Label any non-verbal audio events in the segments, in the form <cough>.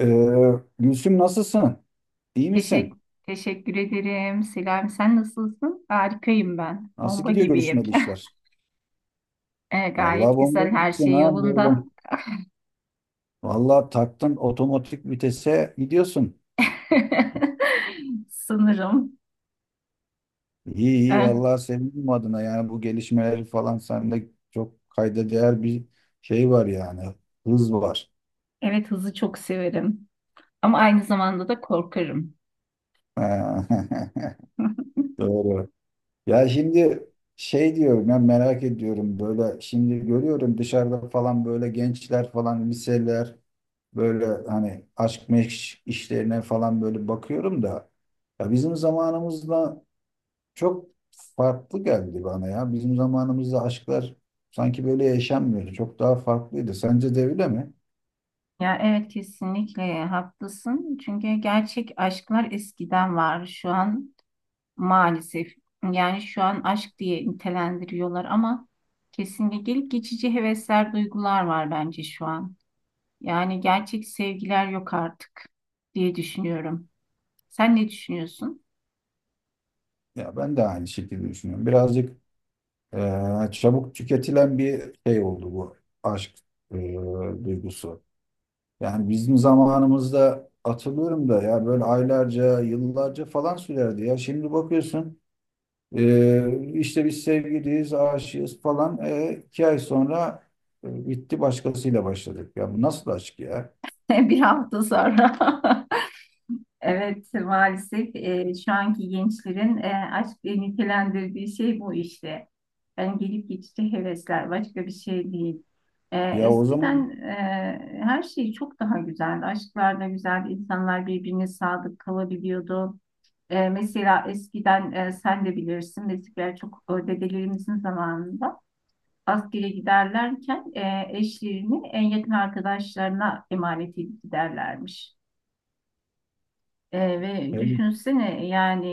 Ee, Gülsüm nasılsın? İyi misin? Teşekkür, teşekkür ederim. Selam, sen nasılsın? Harikayım ben. Nasıl Bomba gidiyor gibiyim. görüşmeli <laughs> işler? Vallahi Gayet bomba güzel, her gibisin şey ha yolunda. böyle. Vallahi taktın otomatik vitese gidiyorsun. <laughs> Sanırım. İyi iyi E, vallahi sevindim adına yani bu gelişmeleri falan sende çok kayda değer bir şey var yani. Hız var. evet, hızı çok severim. Ama aynı zamanda da korkarım. <laughs> <laughs> Doğru. Ya şimdi şey diyorum ya merak ediyorum böyle şimdi görüyorum dışarıda falan böyle gençler falan liseler böyle hani aşk meşk işlerine falan böyle bakıyorum da ya bizim zamanımızda çok farklı geldi bana ya. Bizim zamanımızda aşklar sanki böyle yaşanmıyordu. Çok daha farklıydı. Sence de öyle mi? Ya evet kesinlikle haklısın. Çünkü gerçek aşklar eskiden var. Şu an maalesef yani şu an aşk diye nitelendiriyorlar ama kesinlikle gelip geçici hevesler, duygular var bence şu an. Yani gerçek sevgiler yok artık diye düşünüyorum. Sen ne düşünüyorsun? Ya ben de aynı şekilde düşünüyorum. Birazcık çabuk tüketilen bir şey oldu bu aşk eee, duygusu. Yani bizim zamanımızda hatırlıyorum da ya böyle aylarca, yıllarca falan sürerdi ya. Şimdi bakıyorsun. İşte biz sevgiliyiz, aşığız falan. 2 ay sonra bitti başkasıyla başladık. Ya bu nasıl aşk ya? <laughs> Bir hafta sonra. <laughs> Evet, maalesef şu anki gençlerin aşk diye nitelendirdiği şey bu işte. Yani gelip geçici hevesler, başka bir şey değil. Ya o Eskiden zaman her şey çok daha güzeldi. Aşklar da güzeldi, insanlar birbirine sadık kalabiliyordu. Mesela eskiden sen de bilirsin, eskiden çok dedelerimizin zamanında askere giderlerken eşlerini en yakın arkadaşlarına emanet edip giderlermiş. Ve e, düşünsene yani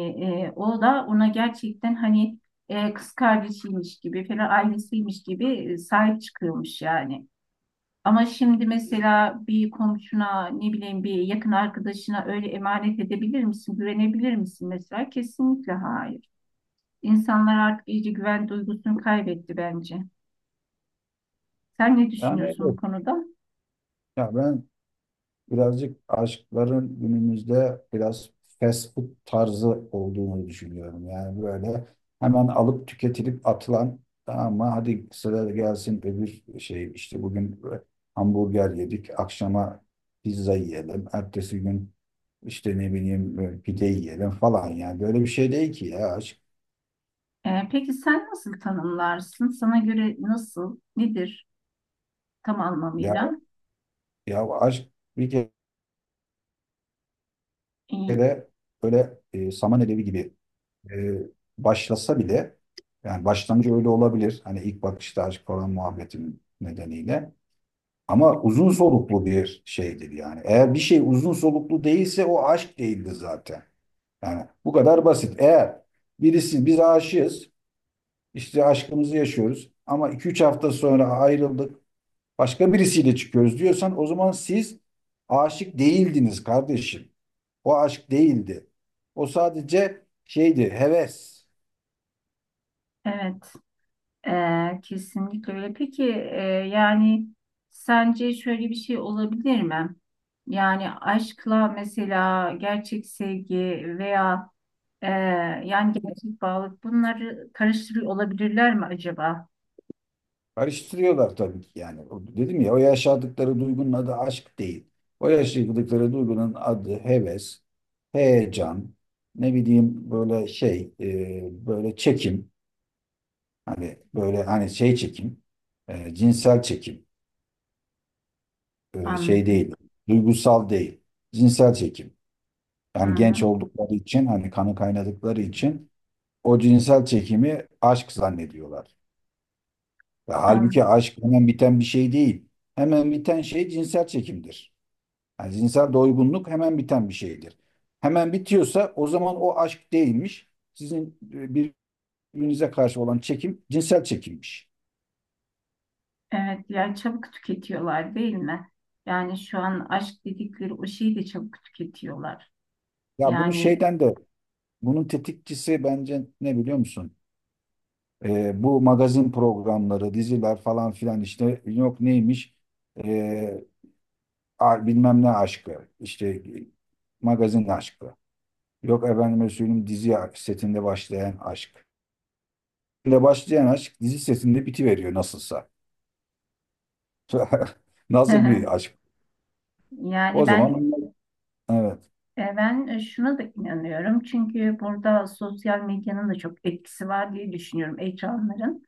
o da ona gerçekten hani kız kardeşiymiş gibi falan ailesiymiş gibi sahip çıkıyormuş yani. Ama şimdi mesela bir komşuna ne bileyim bir yakın arkadaşına öyle emanet edebilir misin, güvenebilir misin mesela? Kesinlikle hayır. İnsanlar artık iyice güven duygusunu kaybetti bence. Sen ne yani düşünüyorsun bu evet. konuda? Ya ben birazcık aşkların günümüzde biraz fast food tarzı olduğunu düşünüyorum. Yani böyle hemen alıp tüketilip atılan ama hadi sıra gelsin öbür şey işte bugün hamburger yedik akşama pizza yiyelim. Ertesi gün İşte ne bileyim böyle pide yiyelim falan yani böyle bir şey değil ki ya aşk. Peki sen nasıl tanımlarsın? Sana göre nasıl, nedir tam Ya, anlamıyla? ya, aşk bir E, kere böyle saman alevi gibi e, başlasa bile yani başlangıcı öyle olabilir. Hani ilk bakışta aşk falan muhabbetin nedeniyle. Ama uzun soluklu bir şeydir yani. Eğer bir şey uzun soluklu değilse o aşk değildir zaten. Yani bu kadar basit. Eğer birisi biz aşığız, işte aşkımızı yaşıyoruz ama 2-3 hafta sonra ayrıldık, başka birisiyle çıkıyoruz diyorsan o zaman siz aşık değildiniz kardeşim. O aşk değildi. O sadece şeydi, heves. evet. Kesinlikle öyle. Peki yani sence şöyle bir şey olabilir mi? Yani aşkla mesela gerçek sevgi veya e, yani gerçek bağlılık bunları karıştırıyor olabilirler mi acaba? Karıştırıyorlar tabii ki yani. Dedim ya o yaşadıkları duygunun adı aşk değil. O yaşadıkları duygunun adı heves, heyecan, ne bileyim böyle şey, böyle çekim. Hani böyle hani şey çekim, cinsel çekim, şey Anladım. değil, duygusal değil, cinsel çekim. Hı Yani hı. genç oldukları için hani kanı kaynadıkları için o cinsel çekimi aşk zannediyorlar. Ve halbuki An- aşk hemen biten bir şey değil. Hemen biten şey cinsel çekimdir. Yani cinsel doygunluk hemen biten bir şeydir. Hemen bitiyorsa o zaman o aşk değilmiş. Sizin birbirinize karşı olan çekim cinsel çekimmiş. Evet yani çabuk tüketiyorlar değil mi? Yani şu an aşk dedikleri o şeyi de çabuk tüketiyorlar. Ya bunu Yani şeyden de bunun tetikçisi bence ne biliyor musun? Bu magazin programları, diziler falan filan işte yok neymiş? E, bilmem ne aşkı, işte magazin aşkı. Yok efendime söyleyeyim dizi setinde başlayan aşk. Ve başlayan aşk dizi setinde bitiveriyor nasılsa. <laughs> Nasıl <laughs> bir aşk? O yani ben zaman evet. E, Ben e, şuna da inanıyorum çünkü burada sosyal medyanın da çok etkisi var diye düşünüyorum ekranların.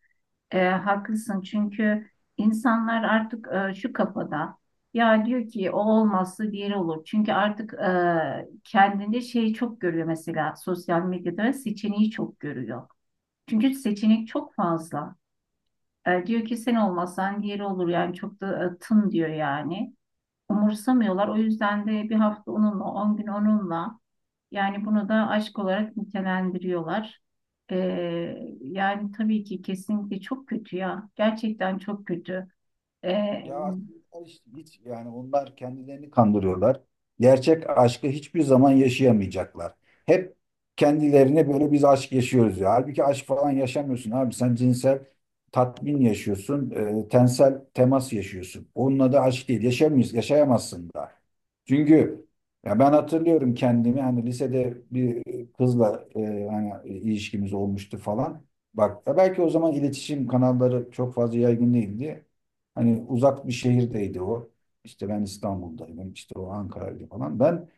Haklısın çünkü insanlar artık şu kafada ya diyor ki o olmazsa diğeri olur. Çünkü artık kendinde şeyi çok görüyor mesela sosyal medyada seçeneği çok görüyor. Çünkü seçenek çok fazla. Diyor ki sen olmazsan diğeri olur yani çok da tın diyor yani. Umursamıyorlar o yüzden de bir hafta onunla 10 gün onunla. Yani bunu da aşk olarak nitelendiriyorlar. Yani tabii ki kesinlikle çok kötü ya. Gerçekten çok kötü. Ee, Ya aslında işte hiç yani onlar kendilerini kandırıyorlar. Gerçek aşkı hiçbir zaman yaşayamayacaklar. Hep kendilerine böyle biz aşk yaşıyoruz ya. Halbuki aşk falan yaşamıyorsun abi. Sen cinsel tatmin yaşıyorsun, tensel temas yaşıyorsun. Onunla da aşk değil. Yaşayamayız, yaşayamazsın da. Çünkü ya ben hatırlıyorum kendimi hani lisede bir kızla hani ilişkimiz olmuştu falan. Bak ya belki o zaman iletişim kanalları çok fazla yaygın değildi. Hani uzak bir şehirdeydi o. İşte ben İstanbul'daydım, işte o Ankara'ydı falan. Ben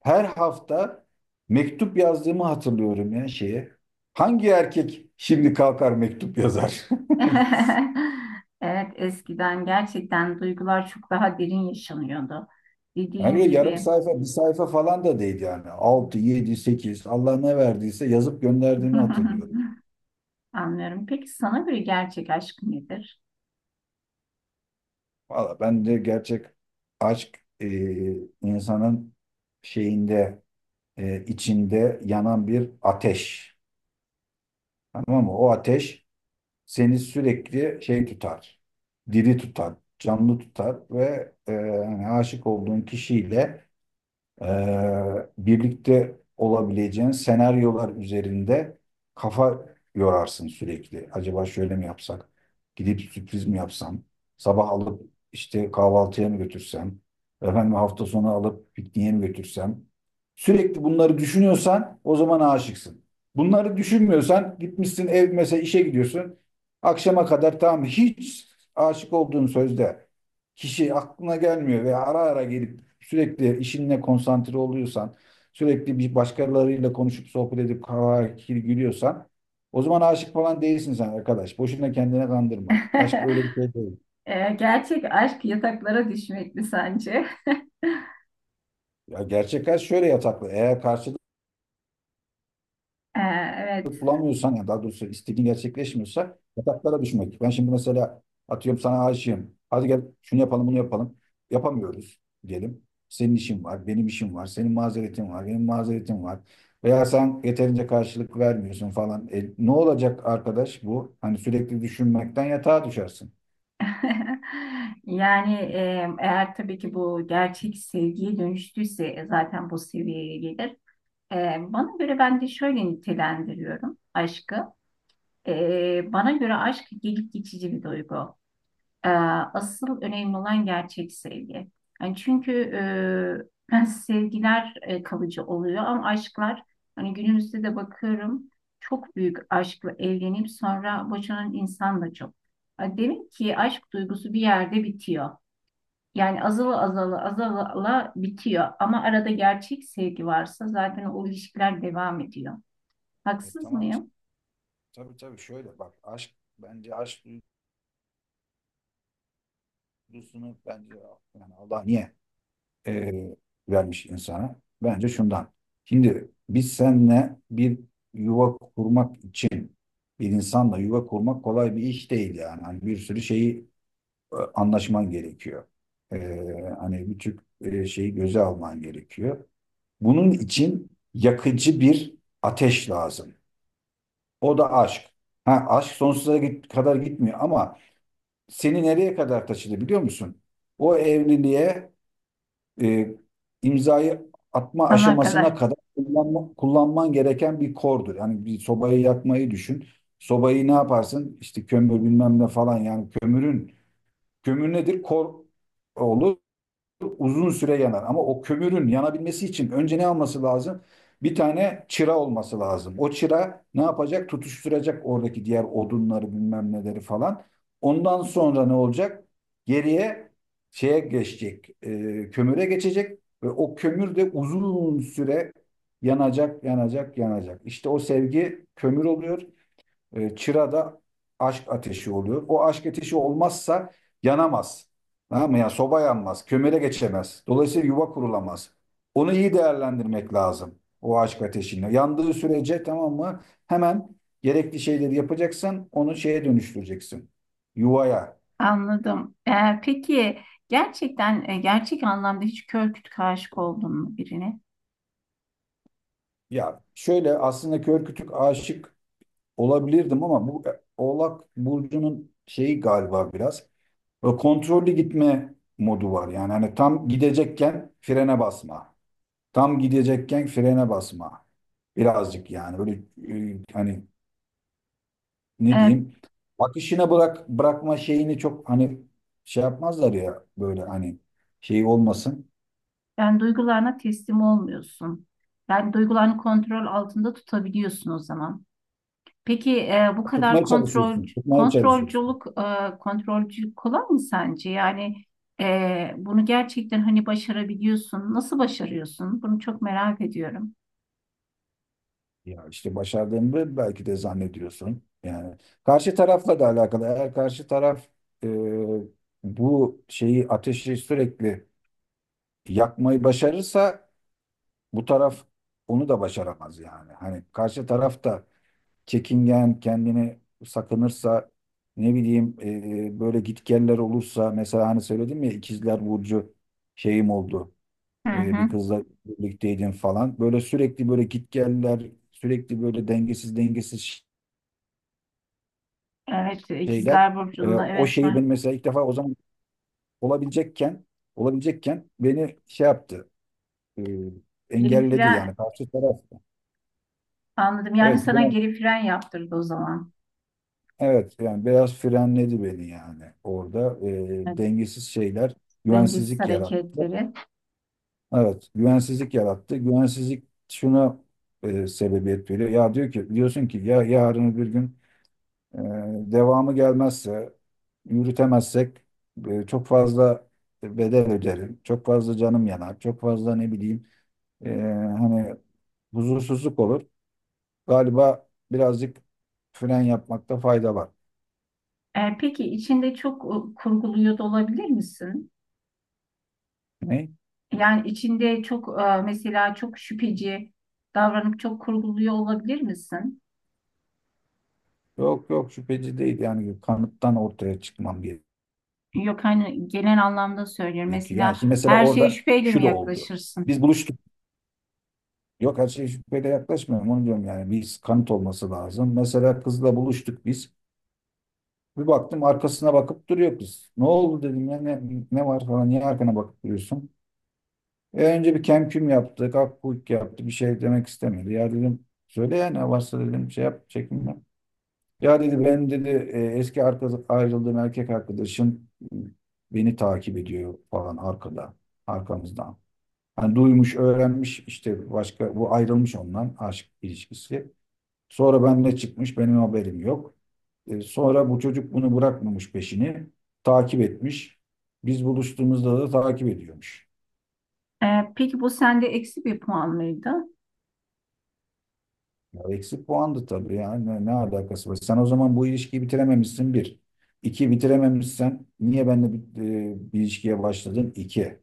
her hafta mektup yazdığımı hatırlıyorum ya şeye. Hangi erkek şimdi kalkar mektup yazar? <laughs> <laughs> evet eskiden gerçekten duygular çok daha derin yaşanıyordu. Dediğin Yani yarım gibi. sayfa, bir sayfa falan da değil yani. Altı, 7, 8. Allah ne verdiyse yazıp gönderdiğimi hatırlıyorum. <laughs> Anlıyorum. Peki sana göre gerçek aşk nedir? Valla ben de gerçek aşk insanın şeyinde, içinde yanan bir ateş. Tamam mı? O ateş seni sürekli şey tutar, diri tutar, canlı tutar ve hani aşık olduğun kişiyle birlikte olabileceğin senaryolar üzerinde kafa yorarsın sürekli. Acaba şöyle mi yapsak? Gidip sürpriz mi yapsam? Sabah alıp işte kahvaltıya mı götürsem? Efendim hafta sonu alıp pikniğe mi götürsem? Sürekli bunları düşünüyorsan o zaman aşıksın. Bunları düşünmüyorsan gitmişsin ev mesela işe gidiyorsun. Akşama kadar tamam hiç aşık olduğun sözde kişi aklına gelmiyor ve ara ara gelip sürekli işinle konsantre oluyorsan, sürekli bir başkalarıyla konuşup sohbet edip kahkaha gülüyorsan o zaman aşık falan değilsin sen arkadaş. Boşuna kendine kandırma. Aşk öyle bir <laughs> şey değil. Gerçek aşk yataklara düşmek mi sence? <laughs> Ya gerçek aşk şöyle yataklı. Eğer karşı Ee, evet. bulamıyorsan ya daha doğrusu istediğin gerçekleşmiyorsa yataklara düşmek. Ben şimdi mesela atıyorum sana aşığım. Hadi gel şunu yapalım bunu yapalım. Yapamıyoruz diyelim. Senin işin var, benim işim var, senin mazeretin var, benim mazeretim var. Veya sen yeterince karşılık vermiyorsun falan. Ne olacak arkadaş bu? Hani sürekli düşünmekten yatağa düşersin. <laughs> Yani eğer tabii ki bu gerçek sevgiye dönüştüyse zaten bu seviyeye gelir. Bana göre ben de şöyle nitelendiriyorum aşkı. Bana göre aşk gelip geçici bir duygu. Ee, Asıl önemli olan gerçek sevgi. Yani çünkü ben <laughs> sevgiler kalıcı oluyor ama aşklar hani günümüzde de bakıyorum çok büyük aşkla evlenip sonra boşanan insan da çok. Ha, demek ki aşk duygusu bir yerde bitiyor. Yani azala azala azala azala bitiyor ama arada gerçek sevgi varsa zaten o ilişkiler devam ediyor. E, Haksız tamam. işte. mıyım? Tabii tabii şöyle bak aşk bence aşk duygusunu bence yani Allah niye e, vermiş insana. Bence şundan. Şimdi biz senle bir yuva kurmak için bir insanla yuva kurmak kolay bir iş değil yani. Hani bir sürü şeyi anlaşman gerekiyor. E, hani birçok şeyi göze alman gerekiyor. Bunun için yakıcı bir ateş lazım. O da aşk. Ha, aşk sonsuza kadar gitmiyor ama seni nereye kadar taşıdı biliyor musun? O evliliğe e, imzayı atma Sana aşamasına kadar. kadar kullanman gereken bir kordur. Yani bir sobayı yakmayı düşün. Sobayı ne yaparsın? İşte kömür bilmem ne falan yani kömürün kömür nedir? Kor olur uzun süre yanar. Ama o kömürün yanabilmesi için önce ne alması lazım? Bir tane çıra olması lazım. O çıra ne yapacak? Tutuşturacak oradaki diğer odunları bilmem neleri falan. Ondan sonra ne olacak? Geriye şeye geçecek, kömüre geçecek ve o kömür de uzun süre yanacak, yanacak, yanacak. İşte o sevgi kömür oluyor. Çırada aşk ateşi oluyor. O aşk ateşi olmazsa yanamaz. Tamam mı? Yani soba yanmaz, kömüre geçemez. Dolayısıyla yuva kurulamaz. Onu iyi değerlendirmek lazım. O aşk ateşini. Yandığı sürece tamam mı? Hemen gerekli şeyleri yapacaksın. Onu şeye dönüştüreceksin. Yuvaya. Anladım. Peki gerçekten gerçek anlamda hiç kör kütük aşık oldun mu birine? Ya şöyle aslında kör kütük aşık olabilirdim ama bu Oğlak Burcu'nun şeyi galiba biraz. Ve kontrollü gitme modu var. Yani hani tam gidecekken frene basma. Tam gidecekken frene basma. Birazcık yani böyle hani ne Ee, diyeyim? Akışına bırak bırakma şeyini çok hani şey yapmazlar ya böyle hani şey olmasın. Yani duygularına teslim olmuyorsun. Yani duygularını kontrol altında tutabiliyorsun o zaman. Peki bu kadar Tutmaya çalışıyorsun. Tutmaya çalışıyorsun. Kontrolcülük kolay mı sence? Yani bunu gerçekten hani başarabiliyorsun. Nasıl başarıyorsun? Bunu çok merak ediyorum. Ya işte başardığını belki de zannediyorsun. Yani karşı tarafla da alakalı. Eğer karşı taraf e, bu şeyi ateşi sürekli yakmayı başarırsa bu taraf onu da başaramaz yani. Hani karşı taraf da çekingen, kendini sakınırsa ne bileyim böyle gitgeller olursa mesela hani söyledim ya ikizler burcu şeyim oldu. Hı E, hı. bir kızla birlikteydim falan. Böyle sürekli böyle gitgeller, sürekli böyle dengesiz dengesiz Evet, şeyler. ikizler E, burcunda o evet şeyi ben mesela ilk defa o zaman olabilecekken olabilecekken beni şey yaptı. e, engelledi var. yani karşı taraf. Anladım. Yani Evet, sana geri fren yaptırdı o zaman. Evet yani biraz frenledi beni yani orada. Ee, Evet, dengesiz şeyler dengesiz güvensizlik yarattı. hareketleri. Evet güvensizlik yarattı. Güvensizlik şuna sebebiyet veriyor. Ya diyorsun ki ya yarın bir gün e, devamı gelmezse yürütemezsek çok fazla bedel öderim. Çok fazla canım yanar. Çok fazla ne bileyim e, hani huzursuzluk olur. Galiba birazcık fren yapmakta fayda var. Peki içinde çok kurguluyor da olabilir misin? Ne? Yani içinde çok mesela çok şüpheci davranıp çok kurguluyor olabilir misin? Yok yok şüpheci değil yani kanıttan ortaya çıkmam Yok hani genel anlamda söylüyorum. gerekiyor. Yani Mesela şimdi mesela her şeye orada şüpheyle şu mi da oldu. yaklaşırsın? Biz buluştuk. Yok her şey şüpheyle yaklaşmıyorum onu diyorum yani biz kanıt olması lazım. Mesela kızla buluştuk biz. Bir baktım arkasına bakıp duruyor kız. Ne oldu dedim ya ne var falan niye arkana bakıp duruyorsun? Önce bir kemküm yaptık, akkuyuk yaptı bir şey demek istemedi. Ya dedim söyle ya ne varsa dedim şey yap çekinme. Ya dedi ben dedi eski ayrıldığım erkek arkadaşım e, beni takip ediyor falan arkada, arkamızdan. Hani duymuş, öğrenmiş işte başka bu ayrılmış ondan aşk ilişkisi. Sonra benimle çıkmış, benim haberim yok. Sonra bu çocuk bunu bırakmamış peşini, takip etmiş. Biz buluştuğumuzda da takip ediyormuş. Peki bu sende eksi bir puan mıydı? Ya eksik puandı tabii ya. Ne alakası var? Sen o zaman bu ilişkiyi bitirememişsin bir. İki bitirememişsen niye benimle bir ilişkiye başladın? İki.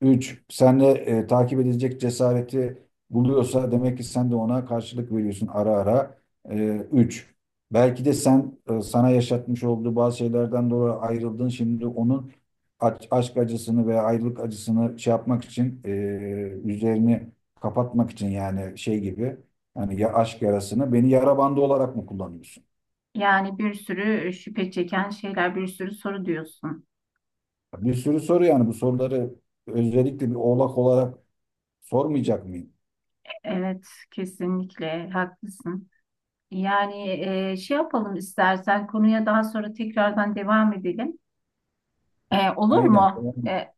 Üç, sen de takip edilecek cesareti buluyorsa demek ki sen de ona karşılık veriyorsun ara ara. E, üç, belki de sen sana yaşatmış olduğu bazı şeylerden dolayı ayrıldın. Şimdi onun aşk acısını veya ayrılık acısını şey yapmak için, üzerini kapatmak için yani şey gibi. Hani ya aşk yarasını beni yara bandı olarak mı kullanıyorsun? Yani bir sürü şüphe çeken şeyler, bir sürü soru diyorsun. Bir sürü soru yani bu soruları özellikle bir oğlak olarak sormayacak mıyım? Evet, kesinlikle haklısın. Yani şey yapalım istersen konuya daha sonra tekrardan devam edelim. Olur Aynen. mu?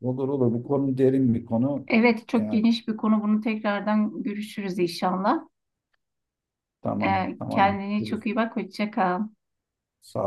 Olur olur. Bu konu derin bir konu. Evet çok Yani, geniş bir konu. Bunu tekrardan görüşürüz inşallah. tamam tamam. Kendine Yürü. çok iyi bak. Hoşça kal. Sağ